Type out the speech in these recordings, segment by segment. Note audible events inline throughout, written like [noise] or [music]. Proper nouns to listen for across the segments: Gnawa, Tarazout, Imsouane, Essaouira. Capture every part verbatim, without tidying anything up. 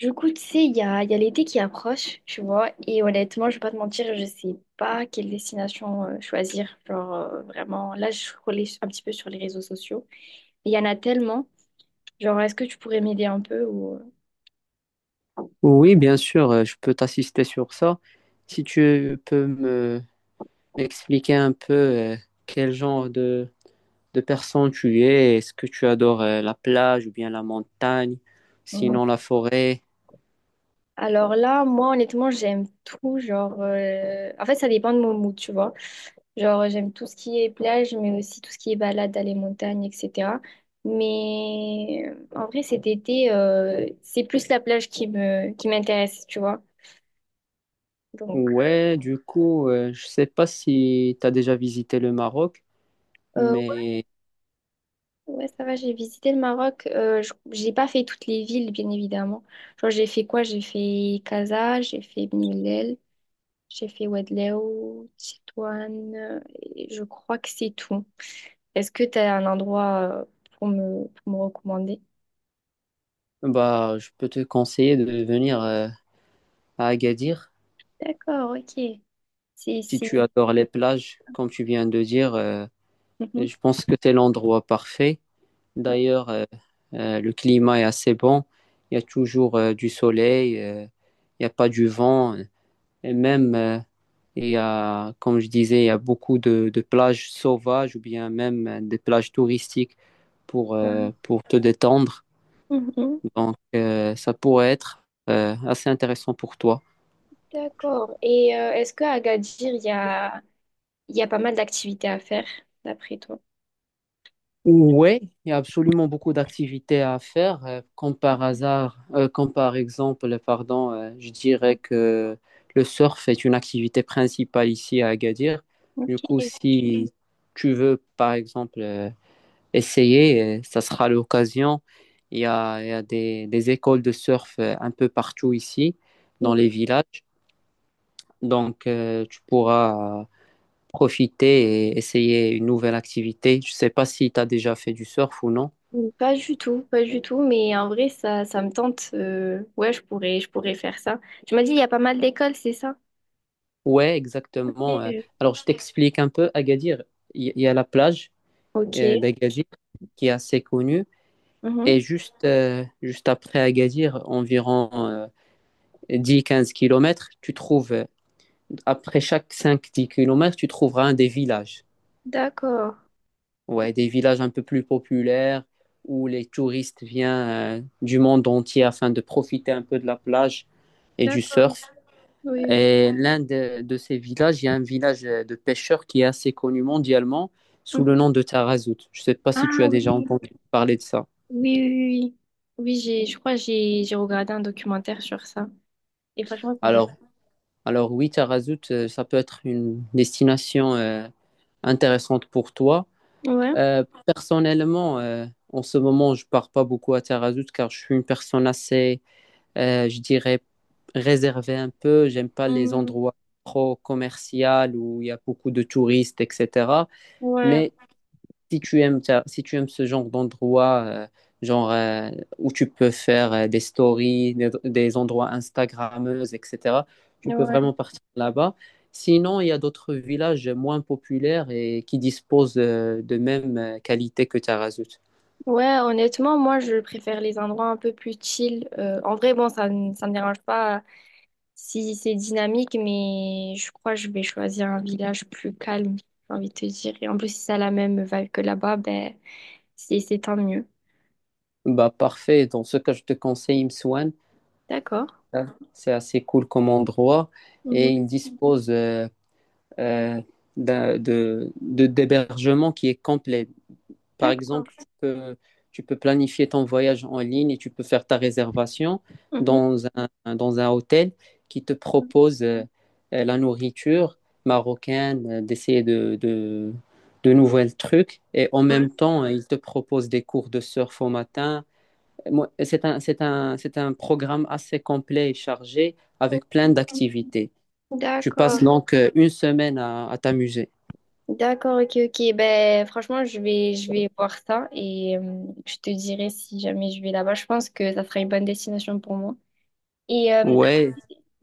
Du coup, tu sais, il y a, il y a l'été qui approche, tu vois, et honnêtement, je vais pas te mentir, je sais pas quelle destination euh, choisir. Genre, euh, vraiment, là, je scrollais un petit peu sur les réseaux sociaux. Il y en a tellement. Genre, est-ce que tu pourrais m'aider un peu ou... Oui, bien sûr, euh, je peux t'assister sur ça. Si tu peux me m'expliquer un peu euh, quel genre de, de personne tu es, est-ce que tu adores euh, la plage ou bien la montagne, sinon la forêt? Alors là, moi, honnêtement, j'aime tout. Genre, euh, en fait, ça dépend de mon mood, tu vois. Genre, j'aime tout ce qui est plage, mais aussi tout ce qui est balade aller montagne montagnes, et cætera. Mais euh, en vrai, cet été, euh, c'est plus la plage qui me, qui m'intéresse, tu vois. Donc, Ouais, du coup, euh, je sais pas si tu as déjà visité le Maroc, euh, mais ouais, ouais, ça va, j'ai visité le Maroc. Euh, je- j'ai pas fait toutes les villes, bien évidemment. Genre, j'ai fait quoi? J'ai fait Casa, j'ai fait Beni Mellel, j'ai fait Ouadélouo, Tétouan, et je crois que c'est tout. Est-ce que tu as un endroit euh, pour me, pour me recommander? bah je peux te conseiller de venir euh, à Agadir. D'accord, ok. C'est Si ici. tu adores les plages, comme tu viens de dire, euh, Mhm. je pense que c'est l'endroit parfait. D'ailleurs, euh, euh, le climat est assez bon. Il y a toujours euh, du soleil, euh, il n'y a pas du vent. Et même, euh, il y a, comme je disais, il y a beaucoup de, de plages sauvages ou bien même euh, des plages touristiques pour, Voilà. euh, pour te détendre. Mhm. Donc, euh, ça pourrait être euh, assez intéressant pour toi. D'accord. Et euh, est-ce qu'à Agadir, il y a, il y a pas mal d'activités à faire, d'après toi? Oui, il y a absolument beaucoup d'activités à faire. euh, comme par hasard, euh, comme par exemple, pardon, euh, je dirais que le surf est une activité principale ici à Agadir. Du coup, Ok. si tu veux, par exemple, euh, essayer, euh, ça sera l'occasion. Il y a, il y a des, des écoles de surf euh, un peu partout ici, dans les villages. Donc, euh, tu pourras profiter et essayer une nouvelle activité. Je ne sais pas si tu as déjà fait du surf ou non. Mm, pas du tout, pas du tout, mais en vrai, ça, ça me tente. euh, ouais, je pourrais, je pourrais faire ça. Tu m'as dit, il y a pas mal d'écoles, c'est ça? Ouais, exactement. euh. Ok. Alors, je t'explique un peu. Agadir, il y, il y a la plage euh, Ok. d'Agadir qui est assez connue. Et Mhm. juste, euh, juste après Agadir, environ dix quinze kilomètres, tu trouves, euh, après chaque cinq dix kilomètres, tu trouveras un des villages. D'accord. Ouais, des villages un peu plus populaires où les touristes viennent euh, du monde entier afin de profiter un peu de la plage et du D'accord. surf. Oui. Et l'un de, de ces villages, il y a un village euh, de pêcheurs qui est assez connu mondialement sous le Mhm. nom de Tarazout. Je ne sais pas si Ah tu as déjà oui. entendu parler de ça. Oui, oui, oui. Oui, oui, j'ai, je crois que j'ai j'ai regardé un documentaire sur ça. Et franchement, ça a l'air. Alors, alors oui, Tarazout, euh, ça peut être une destination euh, intéressante pour toi. Ouais. Euh, personnellement, euh, en ce moment, je pars pas beaucoup à Tarazout car je suis une personne assez, euh, je dirais, réservée un peu. J'aime pas les Hmm. endroits trop commerciaux où il y a beaucoup de touristes, et cetera. Ouais. Mais si tu aimes, ça- si tu aimes ce genre d'endroit, euh, genre euh, où tu peux faire euh, des stories, des, des endroits Instagrammeuses, et cetera, tu peux Ouais. vraiment partir là-bas. Sinon, il y a d'autres villages moins populaires et qui disposent euh, de même euh, qualité que Tarazout. Ouais, honnêtement, moi, je préfère les endroits un peu plus chill. Euh, en vrai, bon, ça ne ça me dérange pas si c'est dynamique, mais je crois que je vais choisir un village plus calme, j'ai envie de te dire. Et en plus, si ça a la même vibe que là-bas, ben, c'est c'est tant mieux. Bah parfait. Dans ce cas, je te conseille Imsouane. D'accord. Hein, c'est assez cool comme endroit Mhm. et il dispose euh, euh, d'un- de, de- d'hébergement qui est complet. Par D'accord. exemple, tu peux, tu peux planifier ton voyage en ligne et tu peux faire ta réservation Mhm. dans un, dans un hôtel qui te propose euh, euh, la nourriture marocaine, euh, d'essayer de, de, de nouvelles trucs. Et en Ouais. même temps, ils te proposent des cours de surf au matin. Moi, C'est un, c'est un, c'est un programme assez complet et chargé avec plein d'activités. Tu D'accord. passes donc euh, une semaine à, à t'amuser. D'accord, ok, ok. Ben, franchement, je vais, je vais voir ça et euh, je te dirai si jamais je vais là-bas. Je pense que ça sera une bonne destination pour moi. Et euh, Ouais,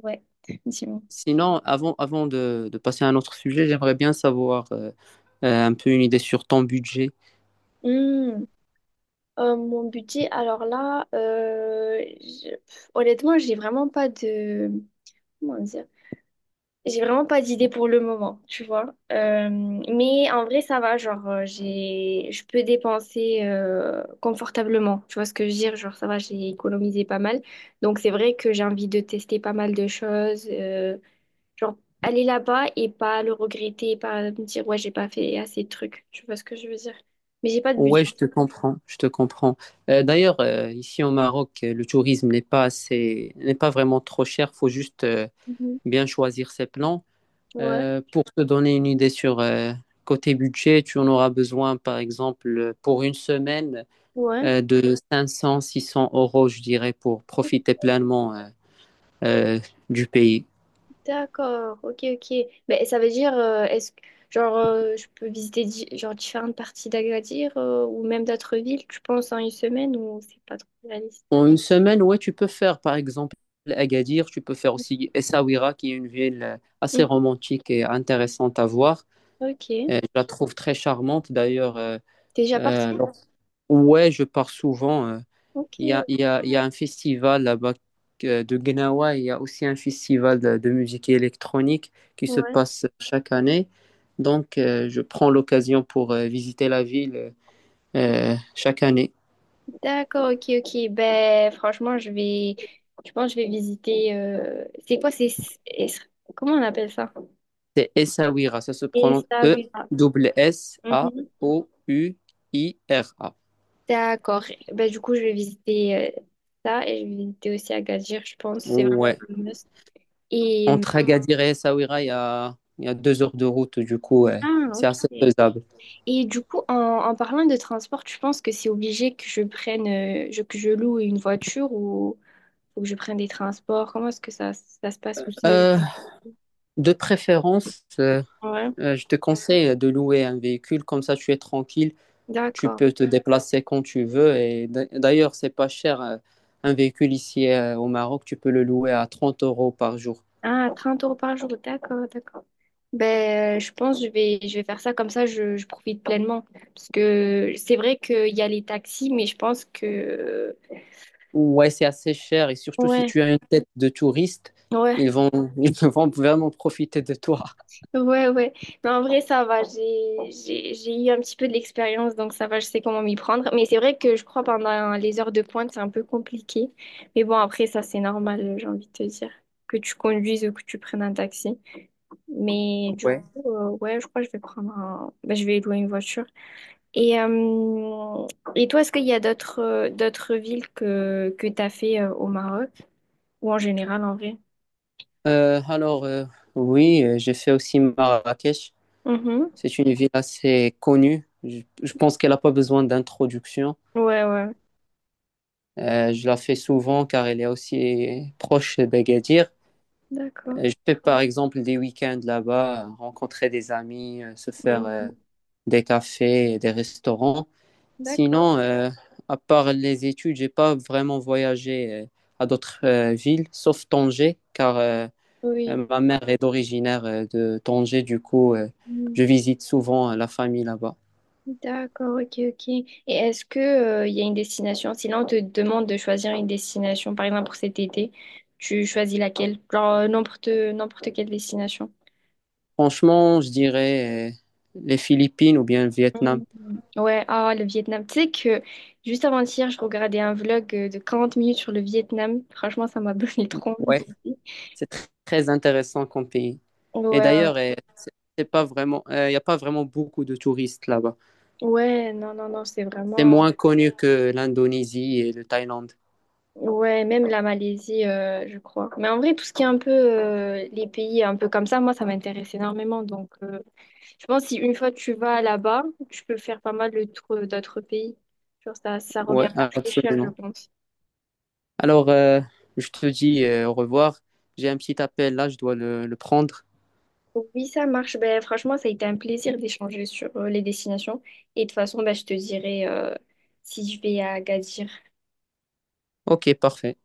ouais, effectivement. sinon, avant, avant de, de passer à un autre sujet, j'aimerais bien savoir euh, euh, un peu une idée sur ton budget. Hmm, euh, mon budget, alors là, euh, je- pff, honnêtement, j'ai vraiment pas de... comment dire. J'ai vraiment pas d'idée pour le moment, tu vois. Euh, mais en vrai, ça va. Genre, euh, j'ai, je peux dépenser euh, confortablement. Tu vois ce que je veux dire? Genre, ça va, j'ai économisé pas mal. Donc, c'est vrai que j'ai envie de tester pas mal de choses. euh, genre, aller là-bas et pas le regretter, pas me dire, ouais, j'ai pas fait assez de trucs. Tu vois ce que je veux dire? Mais j'ai pas de Ouais, budget. je te comprends, je te comprends. Euh, d'ailleurs, euh, ici au Maroc, euh, le tourisme n'est pas assez, n'est pas vraiment trop cher. Faut juste euh, Mhm. bien choisir ses plans. Ouais, Euh, pour te donner une idée sur euh, côté budget, tu en auras besoin, par exemple, euh, pour une semaine ouais. euh, de cinq cents, six cents euros, je dirais, pour profiter pleinement euh, euh, du pays. D'accord, ok, ok. Mais ça veut dire, euh, est-ce que, genre, euh, je peux visiter di- genre, différentes parties d'Agadir euh, ou même d'autres villes, tu penses, en une semaine ou c'est pas trop réaliste? En une semaine, ouais, tu peux faire par exemple Agadir, tu peux faire aussi Essaouira, qui est une ville euh, assez Mhm. romantique et intéressante à voir. Ok. Et je la trouve très charmante d'ailleurs. euh, T'es déjà parti? euh, lors- ouais, je pars souvent. euh. Ok, Il y a, il y a, il y a un festival là-bas euh, de Gnawa, il y a aussi un festival de, de musique électronique qui se ouais. passe chaque année. Donc, euh, je prends l'occasion pour euh, visiter la ville euh, chaque année. D'accord, ok, ok. Ben, franchement, je vais, je pense, que je vais visiter. euh, C'est quoi, c'est, es- comment on appelle ça? C'est Essaouira. Ça se Et prononce ça, oui, ça. Mhm. E S S A O U I R A. D'accord. Ben, du coup, je vais visiter euh, ça et je vais visiter aussi Agadir, je pense. C'est vraiment. Ouais. Un must. Et, Entre Agadir et Essaouira, il y a, il y a deux heures de route. Du coup, ouais, ah, c'est ok. assez faisable. Et du coup, en, en parlant de transport, tu penses que c'est obligé que je prenne, euh, je- que je loue une voiture ou faut que je prenne des transports? Comment est-ce que ça, ça se passe aussi? Dans les- Euh, de préférence, euh, Ouais, euh, je te conseille de louer un véhicule. Comme ça, tu es tranquille. Tu d'accord. peux te déplacer quand tu veux. Et d'a- d'ailleurs, c'est pas cher. euh, Un véhicule ici euh, au Maroc, tu peux le louer à trente euros par jour. Ah, trente euros par jour, d'accord, d'accord. Ben, euh, je pense que je vais, je vais faire ça comme ça, je, je profite pleinement. Parce que c'est vrai qu'il y a les taxis, mais je pense que... Ouais, c'est assez cher et surtout si Ouais, tu as une tête de touriste, ouais. ils vont, [laughs] ils vont vraiment profiter de toi. Ouais, ouais. Non, en vrai, ça va. J'ai, j'ai, j'ai eu un petit peu de l'expérience, donc ça va, je sais comment m'y prendre. Mais c'est vrai que je crois pendant les heures de pointe, c'est un peu compliqué. Mais bon, après, ça, c'est normal, j'ai envie de te dire. Que tu conduises ou que tu prennes un taxi. Mais du Ouais. coup, euh, ouais, je crois que je vais prendre un... ben, je vais louer une voiture. Et, euh, et toi, est-ce qu'il y a d'autres euh, d'autres villes que, que tu as fait euh, au Maroc? Ou en général, en vrai? Euh, alors, euh, oui, euh, j'ai fait aussi Marrakech. Mhm. C'est une ville assez connue. Je, je pense qu'elle n'a pas besoin d'introduction. Ouais, ouais. Euh, je la fais souvent car elle est aussi proche d'Agadir. D'accord. Euh, Je fais par exemple des week-ends là-bas, euh, rencontrer des amis, euh, se faire Mhm. euh, des cafés et des restaurants. D'accord. Sinon, euh, à part les études, j'ai pas vraiment voyagé euh, à d'autres euh, villes, sauf Tanger, car euh, Oui. euh, ma mère est originaire euh, de Tanger, du coup, euh, Mm. je visite souvent euh, la famille là-bas. D'accord, ok, ok. Et est-ce que, euh, il y a une destination? Si là, on te demande de choisir une destination, par exemple pour cet été, tu choisis laquelle? Genre, euh, n'importe, n'importe quelle destination. Franchement, je dirais euh, les Philippines ou bien le Vietnam. Mm. Ouais, ah, le Vietnam. Tu sais que juste avant-hier, je regardais un vlog euh, de quarante minutes sur le Vietnam. Franchement, ça m'a donné [laughs] trop envie Ouais, d'y aller. c'est tr- très intéressant comme pays. Et Ouais, d'ailleurs, euh, c'est pas vraiment, il n'y a pas vraiment beaucoup de touristes là-bas. ouais, non, non, non, c'est C'est vraiment... moins connu que l'Indonésie et le Thaïlande. Ouais, même la Malaisie, euh, je crois. Mais en vrai, tout ce qui est un peu euh, les pays un peu comme ça, moi, ça m'intéresse énormément. Donc, euh, je pense que si une fois tu vas là-bas, tu peux faire pas mal de tours d'autres pays. Genre ça, ça Ouais, revient pas très cher, je absolument. pense. Alors, euh, je te dis euh, au revoir. J'ai un petit appel là, je dois le, le prendre. Oui, ça marche. Ben, franchement, ça a été un plaisir d'échanger sur euh, les destinations. Et de toute façon, ben, je te dirai euh, si je vais à Agadir. Ok, parfait.